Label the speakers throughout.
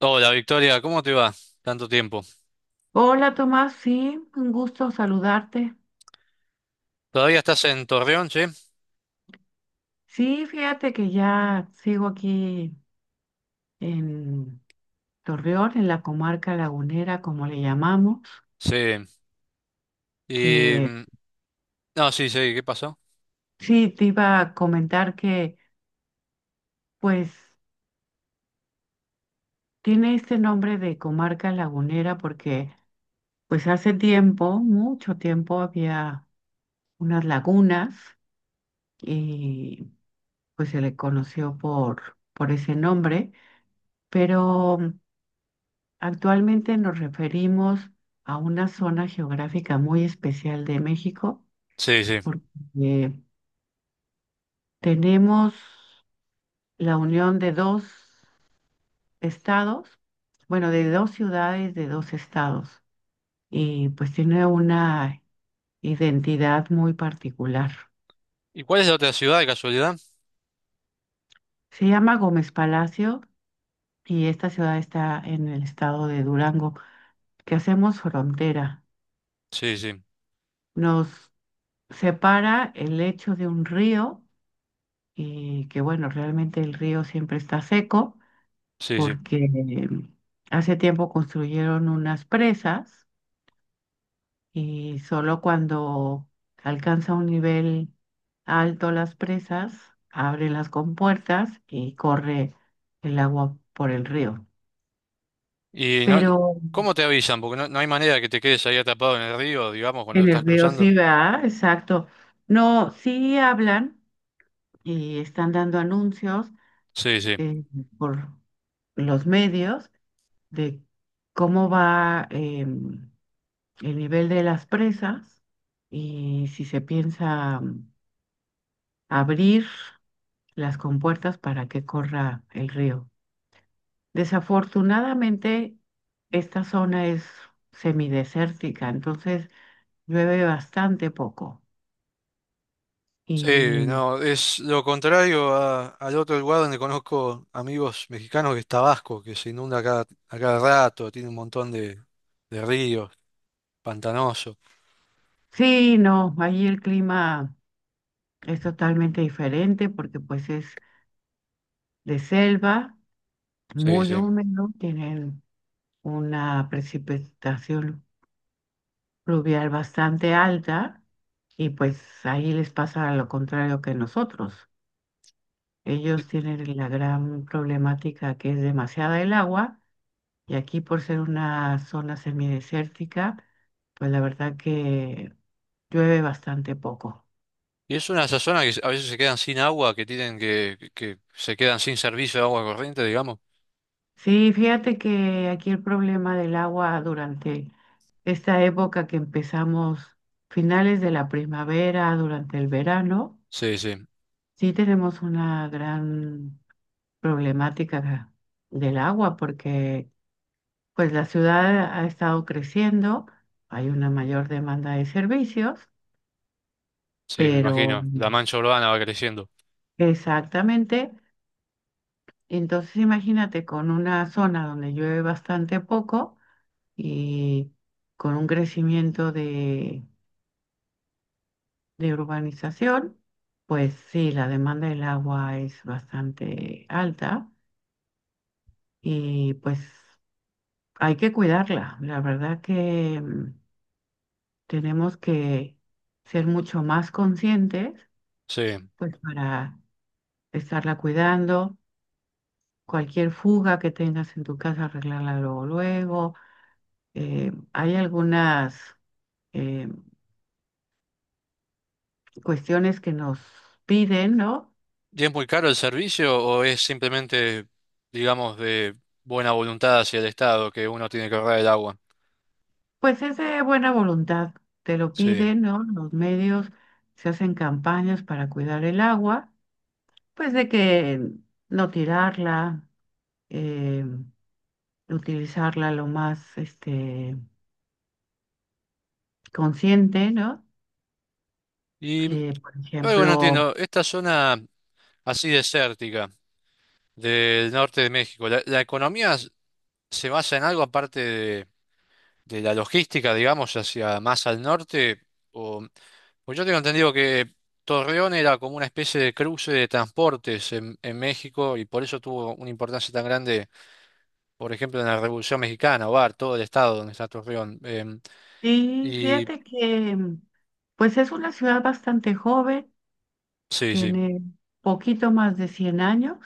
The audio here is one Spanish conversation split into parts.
Speaker 1: Hola Victoria, ¿cómo te va? Tanto tiempo.
Speaker 2: Hola Tomás, sí, un gusto saludarte.
Speaker 1: ¿Todavía estás en Torreón, sí?
Speaker 2: Sí, fíjate que ya sigo aquí en Torreón, en la comarca lagunera, como le llamamos,
Speaker 1: Sí. Y...
Speaker 2: que
Speaker 1: mm, No, sí, sí, ¿qué pasó?
Speaker 2: sí, te iba a comentar que pues tiene este nombre de comarca lagunera porque pues hace tiempo, mucho tiempo, había unas lagunas y pues se le conoció por ese nombre, pero actualmente nos referimos a una zona geográfica muy especial de México
Speaker 1: Sí, sí.
Speaker 2: porque tenemos la unión de dos estados, bueno, de dos ciudades, de dos estados, y pues tiene una identidad muy particular.
Speaker 1: ¿Y cuál es la otra ciudad de casualidad?
Speaker 2: Se llama Gómez Palacio y esta ciudad está en el estado de Durango, que hacemos frontera.
Speaker 1: Sí, sí,
Speaker 2: Nos separa el lecho de un río y que bueno, realmente el río siempre está seco
Speaker 1: sí, sí.
Speaker 2: porque hace tiempo construyeron unas presas y solo cuando alcanza un nivel alto las presas, abren las compuertas y corre el agua por el río.
Speaker 1: ¿Y no...
Speaker 2: Pero
Speaker 1: ¿Cómo te avisan? Porque no hay manera que te quedes ahí atrapado en el río, digamos, cuando lo
Speaker 2: en el
Speaker 1: estás
Speaker 2: río
Speaker 1: cruzando.
Speaker 2: sí, va, exacto. No, sí hablan y están dando anuncios
Speaker 1: Sí, sí.
Speaker 2: eh, por los medios de cómo va, el nivel de las presas y si se piensa abrir las compuertas para que corra el río. Desafortunadamente, esta zona es semidesértica, entonces llueve bastante poco. Y
Speaker 1: Sí, no, es lo contrario al otro lugar donde conozco amigos mexicanos que es Tabasco, que se inunda a cada rato, tiene un montón de ríos, pantanoso.
Speaker 2: sí, no, ahí el clima es totalmente diferente porque pues es de selva,
Speaker 1: Sí,
Speaker 2: muy
Speaker 1: sí.
Speaker 2: húmedo, tienen una precipitación pluvial bastante alta y pues ahí les pasa lo contrario que nosotros. Ellos tienen la gran problemática que es demasiada el agua y aquí por ser una zona semidesértica, pues la verdad que llueve bastante poco.
Speaker 1: Y es una de esas zonas que a veces se quedan sin agua, que tienen que se quedan sin servicio de agua corriente, digamos.
Speaker 2: Sí, fíjate que aquí el problema del agua durante esta época que empezamos finales de la primavera, durante el verano,
Speaker 1: Sí, sí,
Speaker 2: sí tenemos una gran problemática del agua, porque pues la ciudad ha estado creciendo, hay una mayor demanda de servicios,
Speaker 1: sí, me
Speaker 2: pero
Speaker 1: imagino. La mancha urbana va creciendo.
Speaker 2: exactamente, entonces imagínate con una zona donde llueve bastante poco y con un crecimiento de urbanización, pues sí, la demanda del agua es bastante alta y pues hay que cuidarla. La verdad que tenemos que ser mucho más conscientes,
Speaker 1: Sí.
Speaker 2: pues para estarla cuidando. Cualquier fuga que tengas en tu casa, arreglarla luego, luego. Hay algunas eh, cuestiones que nos piden, ¿no?
Speaker 1: ¿Y es muy caro el servicio o es simplemente, digamos, de buena voluntad hacia el Estado que uno tiene que ahorrar el agua?
Speaker 2: Pues es de buena voluntad. Te lo
Speaker 1: Sí.
Speaker 2: piden, ¿no? Los medios se hacen campañas para cuidar el agua, pues de que no tirarla, eh, utilizarla lo más consciente, ¿no?
Speaker 1: Y
Speaker 2: Que, por
Speaker 1: algo no
Speaker 2: ejemplo,
Speaker 1: entiendo, esta zona así desértica del norte de México, ¿la economía se basa en algo aparte de la logística, digamos, hacia más al norte? Pues yo tengo entendido que Torreón era como una especie de cruce de transportes en México y por eso tuvo una importancia tan grande, por ejemplo, en la Revolución Mexicana, o todo el estado donde está Torreón. Em,
Speaker 2: sí,
Speaker 1: y
Speaker 2: fíjate que pues es una ciudad bastante joven,
Speaker 1: sí, sí.
Speaker 2: tiene poquito más de 100 años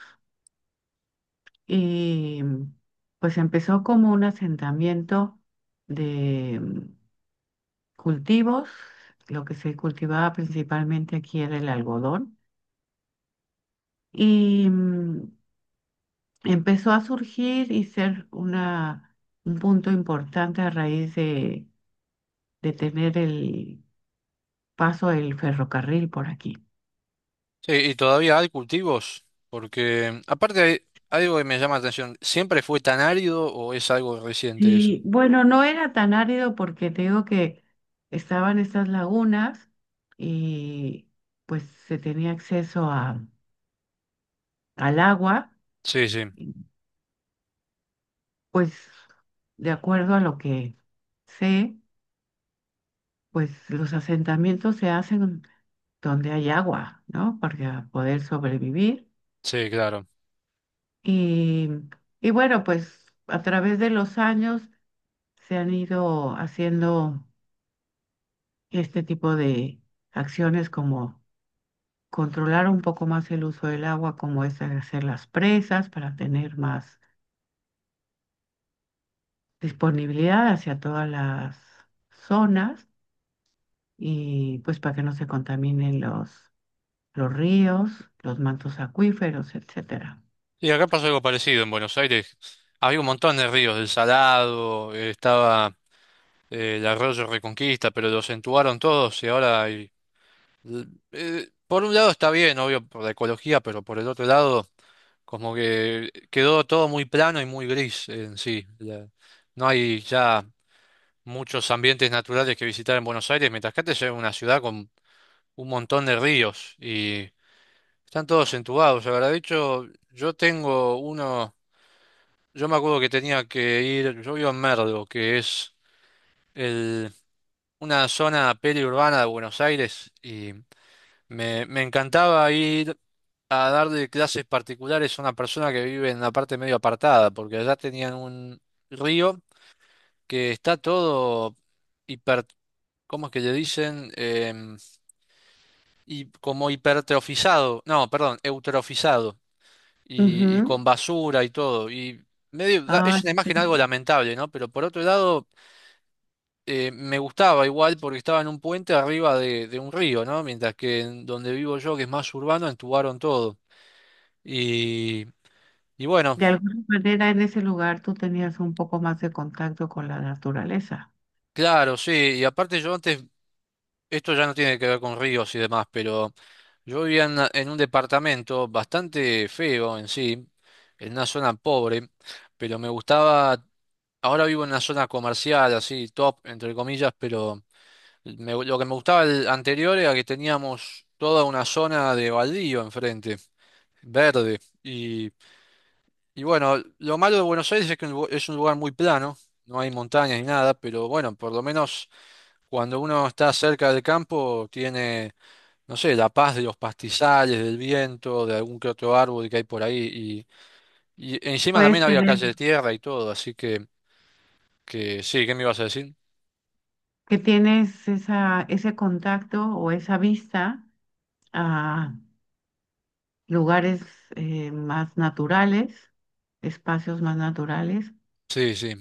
Speaker 2: y pues empezó como un asentamiento de cultivos, lo que se cultivaba principalmente aquí era el algodón y empezó a surgir y ser un punto importante a raíz de tener el paso del ferrocarril por aquí.
Speaker 1: Sí, y todavía hay cultivos, porque aparte hay algo que me llama la atención. ¿Siempre fue tan árido o es algo reciente eso?
Speaker 2: Sí, bueno, no era tan árido porque te digo que estaban estas lagunas y pues se tenía acceso al agua.
Speaker 1: Sí, sí,
Speaker 2: y, Pues de acuerdo a lo que sé, pues los asentamientos se hacen donde hay agua, ¿no? Para poder sobrevivir.
Speaker 1: sí, claro.
Speaker 2: Y, y bueno, pues a través de los años se han ido haciendo este tipo de acciones como controlar un poco más el uso del agua, como es hacer las presas para tener más disponibilidad hacia todas las zonas y pues para que no se contaminen los ríos, los mantos acuíferos, etcétera.
Speaker 1: Y acá pasó algo parecido en Buenos Aires. Había un montón de ríos, el Salado, el Arroyo Reconquista, pero lo acentuaron todos, y ahora, l- por un lado está bien, obvio, por la ecología, pero por el otro lado, como que quedó todo muy plano y muy gris en sí. No hay ya muchos ambientes naturales que visitar en Buenos Aires, mientras que antes era una ciudad con un montón de ríos y están todos entubados. La verdad, de hecho, yo tengo uno. Yo me acuerdo que tenía que ir. Yo vivo en Merlo, que es una zona periurbana de Buenos Aires, y me encantaba ir a darle clases particulares a una persona que vive en la parte medio apartada, porque allá tenían un río que está todo hiper, ¿cómo es que le dicen? Y como hipertrofizado, no, perdón, eutrofizado, y con
Speaker 2: Ujú.
Speaker 1: basura y todo. Y medio,
Speaker 2: Ah,
Speaker 1: es una imagen algo
Speaker 2: interesante.
Speaker 1: lamentable, ¿no? Pero por otro lado, me gustaba igual porque estaba en un puente arriba de un río, ¿no? Mientras que en donde vivo yo, que es más urbano, entubaron todo. Y, y bueno,
Speaker 2: De alguna manera en ese lugar tú tenías un poco más de contacto con la naturaleza.
Speaker 1: claro, sí. Y aparte yo antes, esto ya no tiene que ver con ríos y demás, pero yo vivía en un departamento bastante feo en sí, en una zona pobre, pero me gustaba. Ahora vivo en una zona comercial, así, top, entre comillas, pero lo que me gustaba el anterior era que teníamos toda una zona de baldío enfrente, verde. Y bueno, lo malo de Buenos Aires es que es un lugar muy plano, no hay montañas ni nada, pero bueno, por lo menos cuando uno está cerca del campo tiene, no sé, la paz de los pastizales, del viento, de algún que otro árbol que hay por ahí. Y encima
Speaker 2: Puedes
Speaker 1: también había
Speaker 2: tener
Speaker 1: calle de tierra y todo, así que sí, ¿qué me ibas a decir?
Speaker 2: Que tienes ese contacto o esa vista a lugares más naturales, espacios más naturales,
Speaker 1: Sí, sí,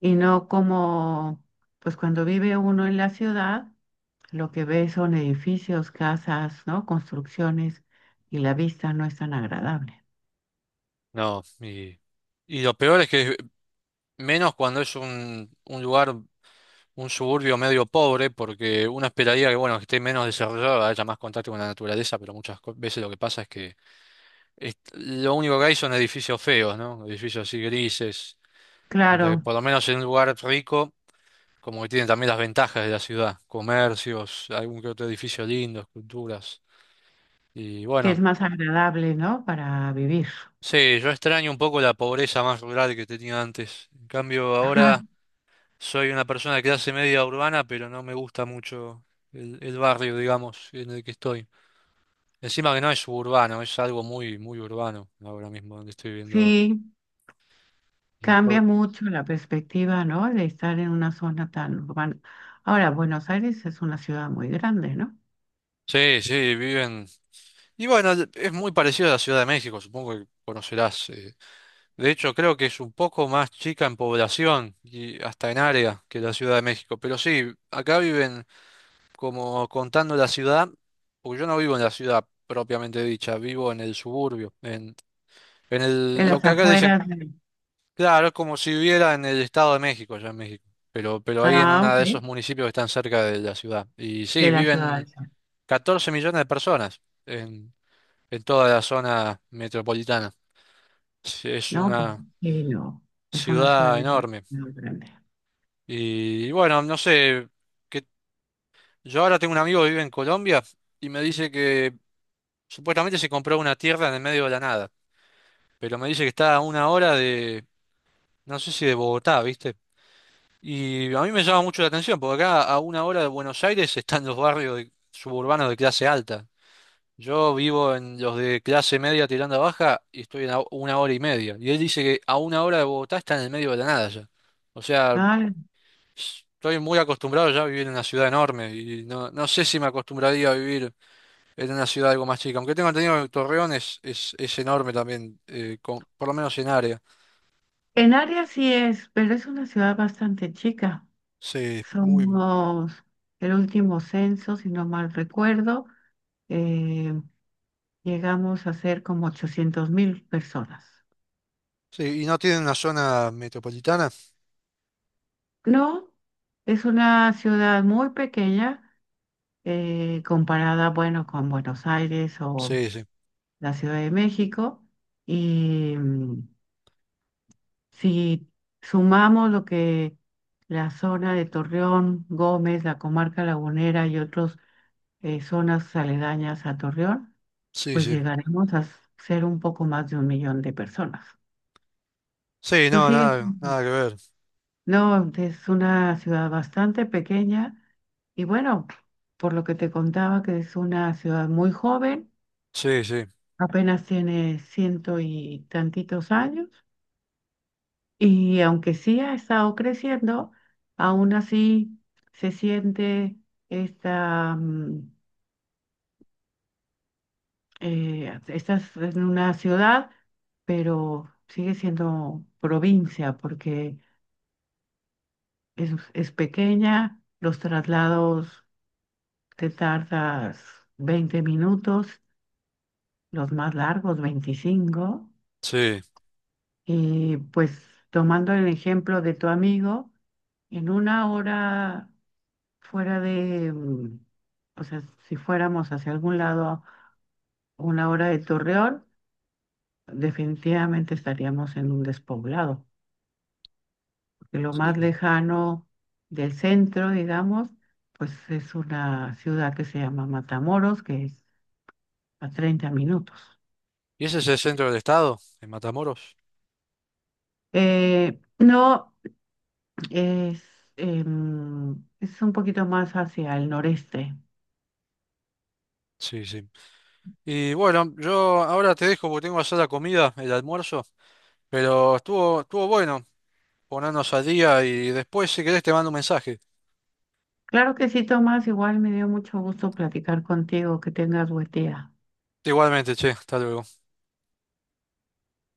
Speaker 2: y no como, pues cuando vive uno en la ciudad, lo que ve son edificios, casas, ¿no? Construcciones, y la vista no es tan agradable.
Speaker 1: no. Y lo peor es que menos cuando es un lugar, un suburbio medio pobre, porque uno esperaría que, bueno, que esté menos desarrollado, haya más contacto con la naturaleza, pero muchas veces lo que pasa es que lo único que hay son edificios feos, ¿no? Edificios así grises. Mientras que
Speaker 2: Claro,
Speaker 1: por lo menos en un lugar rico, como que tienen también las ventajas de la ciudad, comercios, algún que otro edificio lindo, esculturas. Y
Speaker 2: que es
Speaker 1: bueno,
Speaker 2: más agradable, ¿no? Para vivir.
Speaker 1: sí, yo extraño un poco la pobreza más rural que tenía antes. En cambio,
Speaker 2: Ajá.
Speaker 1: ahora, soy una persona de clase media urbana, pero no me gusta mucho el barrio, digamos, en el que estoy. Encima que no es suburbano, es algo muy, muy urbano ahora mismo donde estoy viviendo ahora.
Speaker 2: Sí,
Speaker 1: Y
Speaker 2: cambia
Speaker 1: por-
Speaker 2: mucho la perspectiva, ¿no? De estar en una zona tan urbana. Ahora, Buenos Aires es una ciudad muy grande, ¿no?
Speaker 1: Sí, sí, viven. Y bueno, es muy parecido a la Ciudad de México, supongo que conocerás. De hecho, creo que es un poco más chica en población y hasta en área que la Ciudad de México. Pero sí, acá viven, como contando la ciudad, porque yo no vivo en la ciudad propiamente dicha, vivo en el suburbio,
Speaker 2: En
Speaker 1: lo
Speaker 2: las
Speaker 1: que acá dicen,
Speaker 2: afueras de.
Speaker 1: claro, es como si viviera en el Estado de México, allá en México, pero ahí en
Speaker 2: Ah,
Speaker 1: uno de esos
Speaker 2: ok.
Speaker 1: municipios que están cerca de la ciudad. Y sí,
Speaker 2: De la ciudad del
Speaker 1: viven
Speaker 2: centro.
Speaker 1: 14 millones de personas en toda la zona metropolitana. Sí, es
Speaker 2: No, pues
Speaker 1: una
Speaker 2: sí, no. Es una ciudad
Speaker 1: ciudad enorme.
Speaker 2: demasiado grande.
Speaker 1: Y bueno, no sé, que yo ahora tengo un amigo que vive en Colombia y me dice que supuestamente se compró una tierra en el medio de la nada, pero me dice que está a una hora de, no sé si de Bogotá, ¿viste? Y a mí me llama mucho la atención, porque acá a una hora de Buenos Aires están los barrios suburbanos de clase alta. Yo vivo en los de clase media tirando a baja y estoy a una hora y media. Y él dice que a una hora de Bogotá está en el medio de la nada ya. O sea,
Speaker 2: Vale.
Speaker 1: estoy muy acostumbrado ya a vivir en una ciudad enorme y no sé si me acostumbraría a vivir en una ciudad algo más chica. Aunque tengo entendido que Torreón es enorme también, por lo menos en área.
Speaker 2: En área sí es, pero es una ciudad bastante chica.
Speaker 1: Sí, muy.
Speaker 2: Somos el último censo, si no mal recuerdo, eh, llegamos a ser como 800.000 personas.
Speaker 1: Sí, y no tiene una zona metropolitana.
Speaker 2: No, es una ciudad muy pequeña comparada, bueno, con Buenos Aires o
Speaker 1: Sí, sí.
Speaker 2: la Ciudad de México. Y si sumamos lo que la zona de Torreón, Gómez, la comarca lagunera y otras zonas aledañas a Torreón,
Speaker 1: Sí,
Speaker 2: pues
Speaker 1: sí.
Speaker 2: llegaremos a ser un poco más de un millón de personas.
Speaker 1: Sí,
Speaker 2: Pero
Speaker 1: no,
Speaker 2: sí,
Speaker 1: nada, nada que ver.
Speaker 2: no, es una ciudad bastante pequeña y bueno, por lo que te contaba que es una ciudad muy joven,
Speaker 1: Sí, sí,
Speaker 2: apenas tiene ciento y tantitos años. Y aunque sí ha estado creciendo, aún así se siente esta, mm, estás en una ciudad, pero sigue siendo provincia porque es pequeña, los traslados te tardas 20 minutos, los más largos 25,
Speaker 1: sí,
Speaker 2: y pues tomando el ejemplo de tu amigo, en una hora fuera de, o sea, si fuéramos hacia algún lado una hora de Torreón, definitivamente estaríamos en un despoblado, porque lo
Speaker 1: sí.
Speaker 2: más lejano del centro, digamos, pues es una ciudad que se llama Matamoros, que es a 30 minutos.
Speaker 1: ¿Y ese es el centro del estado, en Matamoros?
Speaker 2: No, es, es un poquito más hacia el noreste.
Speaker 1: Sí, sí. Y bueno, yo ahora te dejo porque tengo que hacer la comida, el almuerzo, pero estuvo bueno ponernos al día y después si querés te mando un mensaje.
Speaker 2: Claro que sí, Tomás, igual me dio mucho gusto platicar contigo, que tengas buen día.
Speaker 1: Igualmente, che, hasta luego.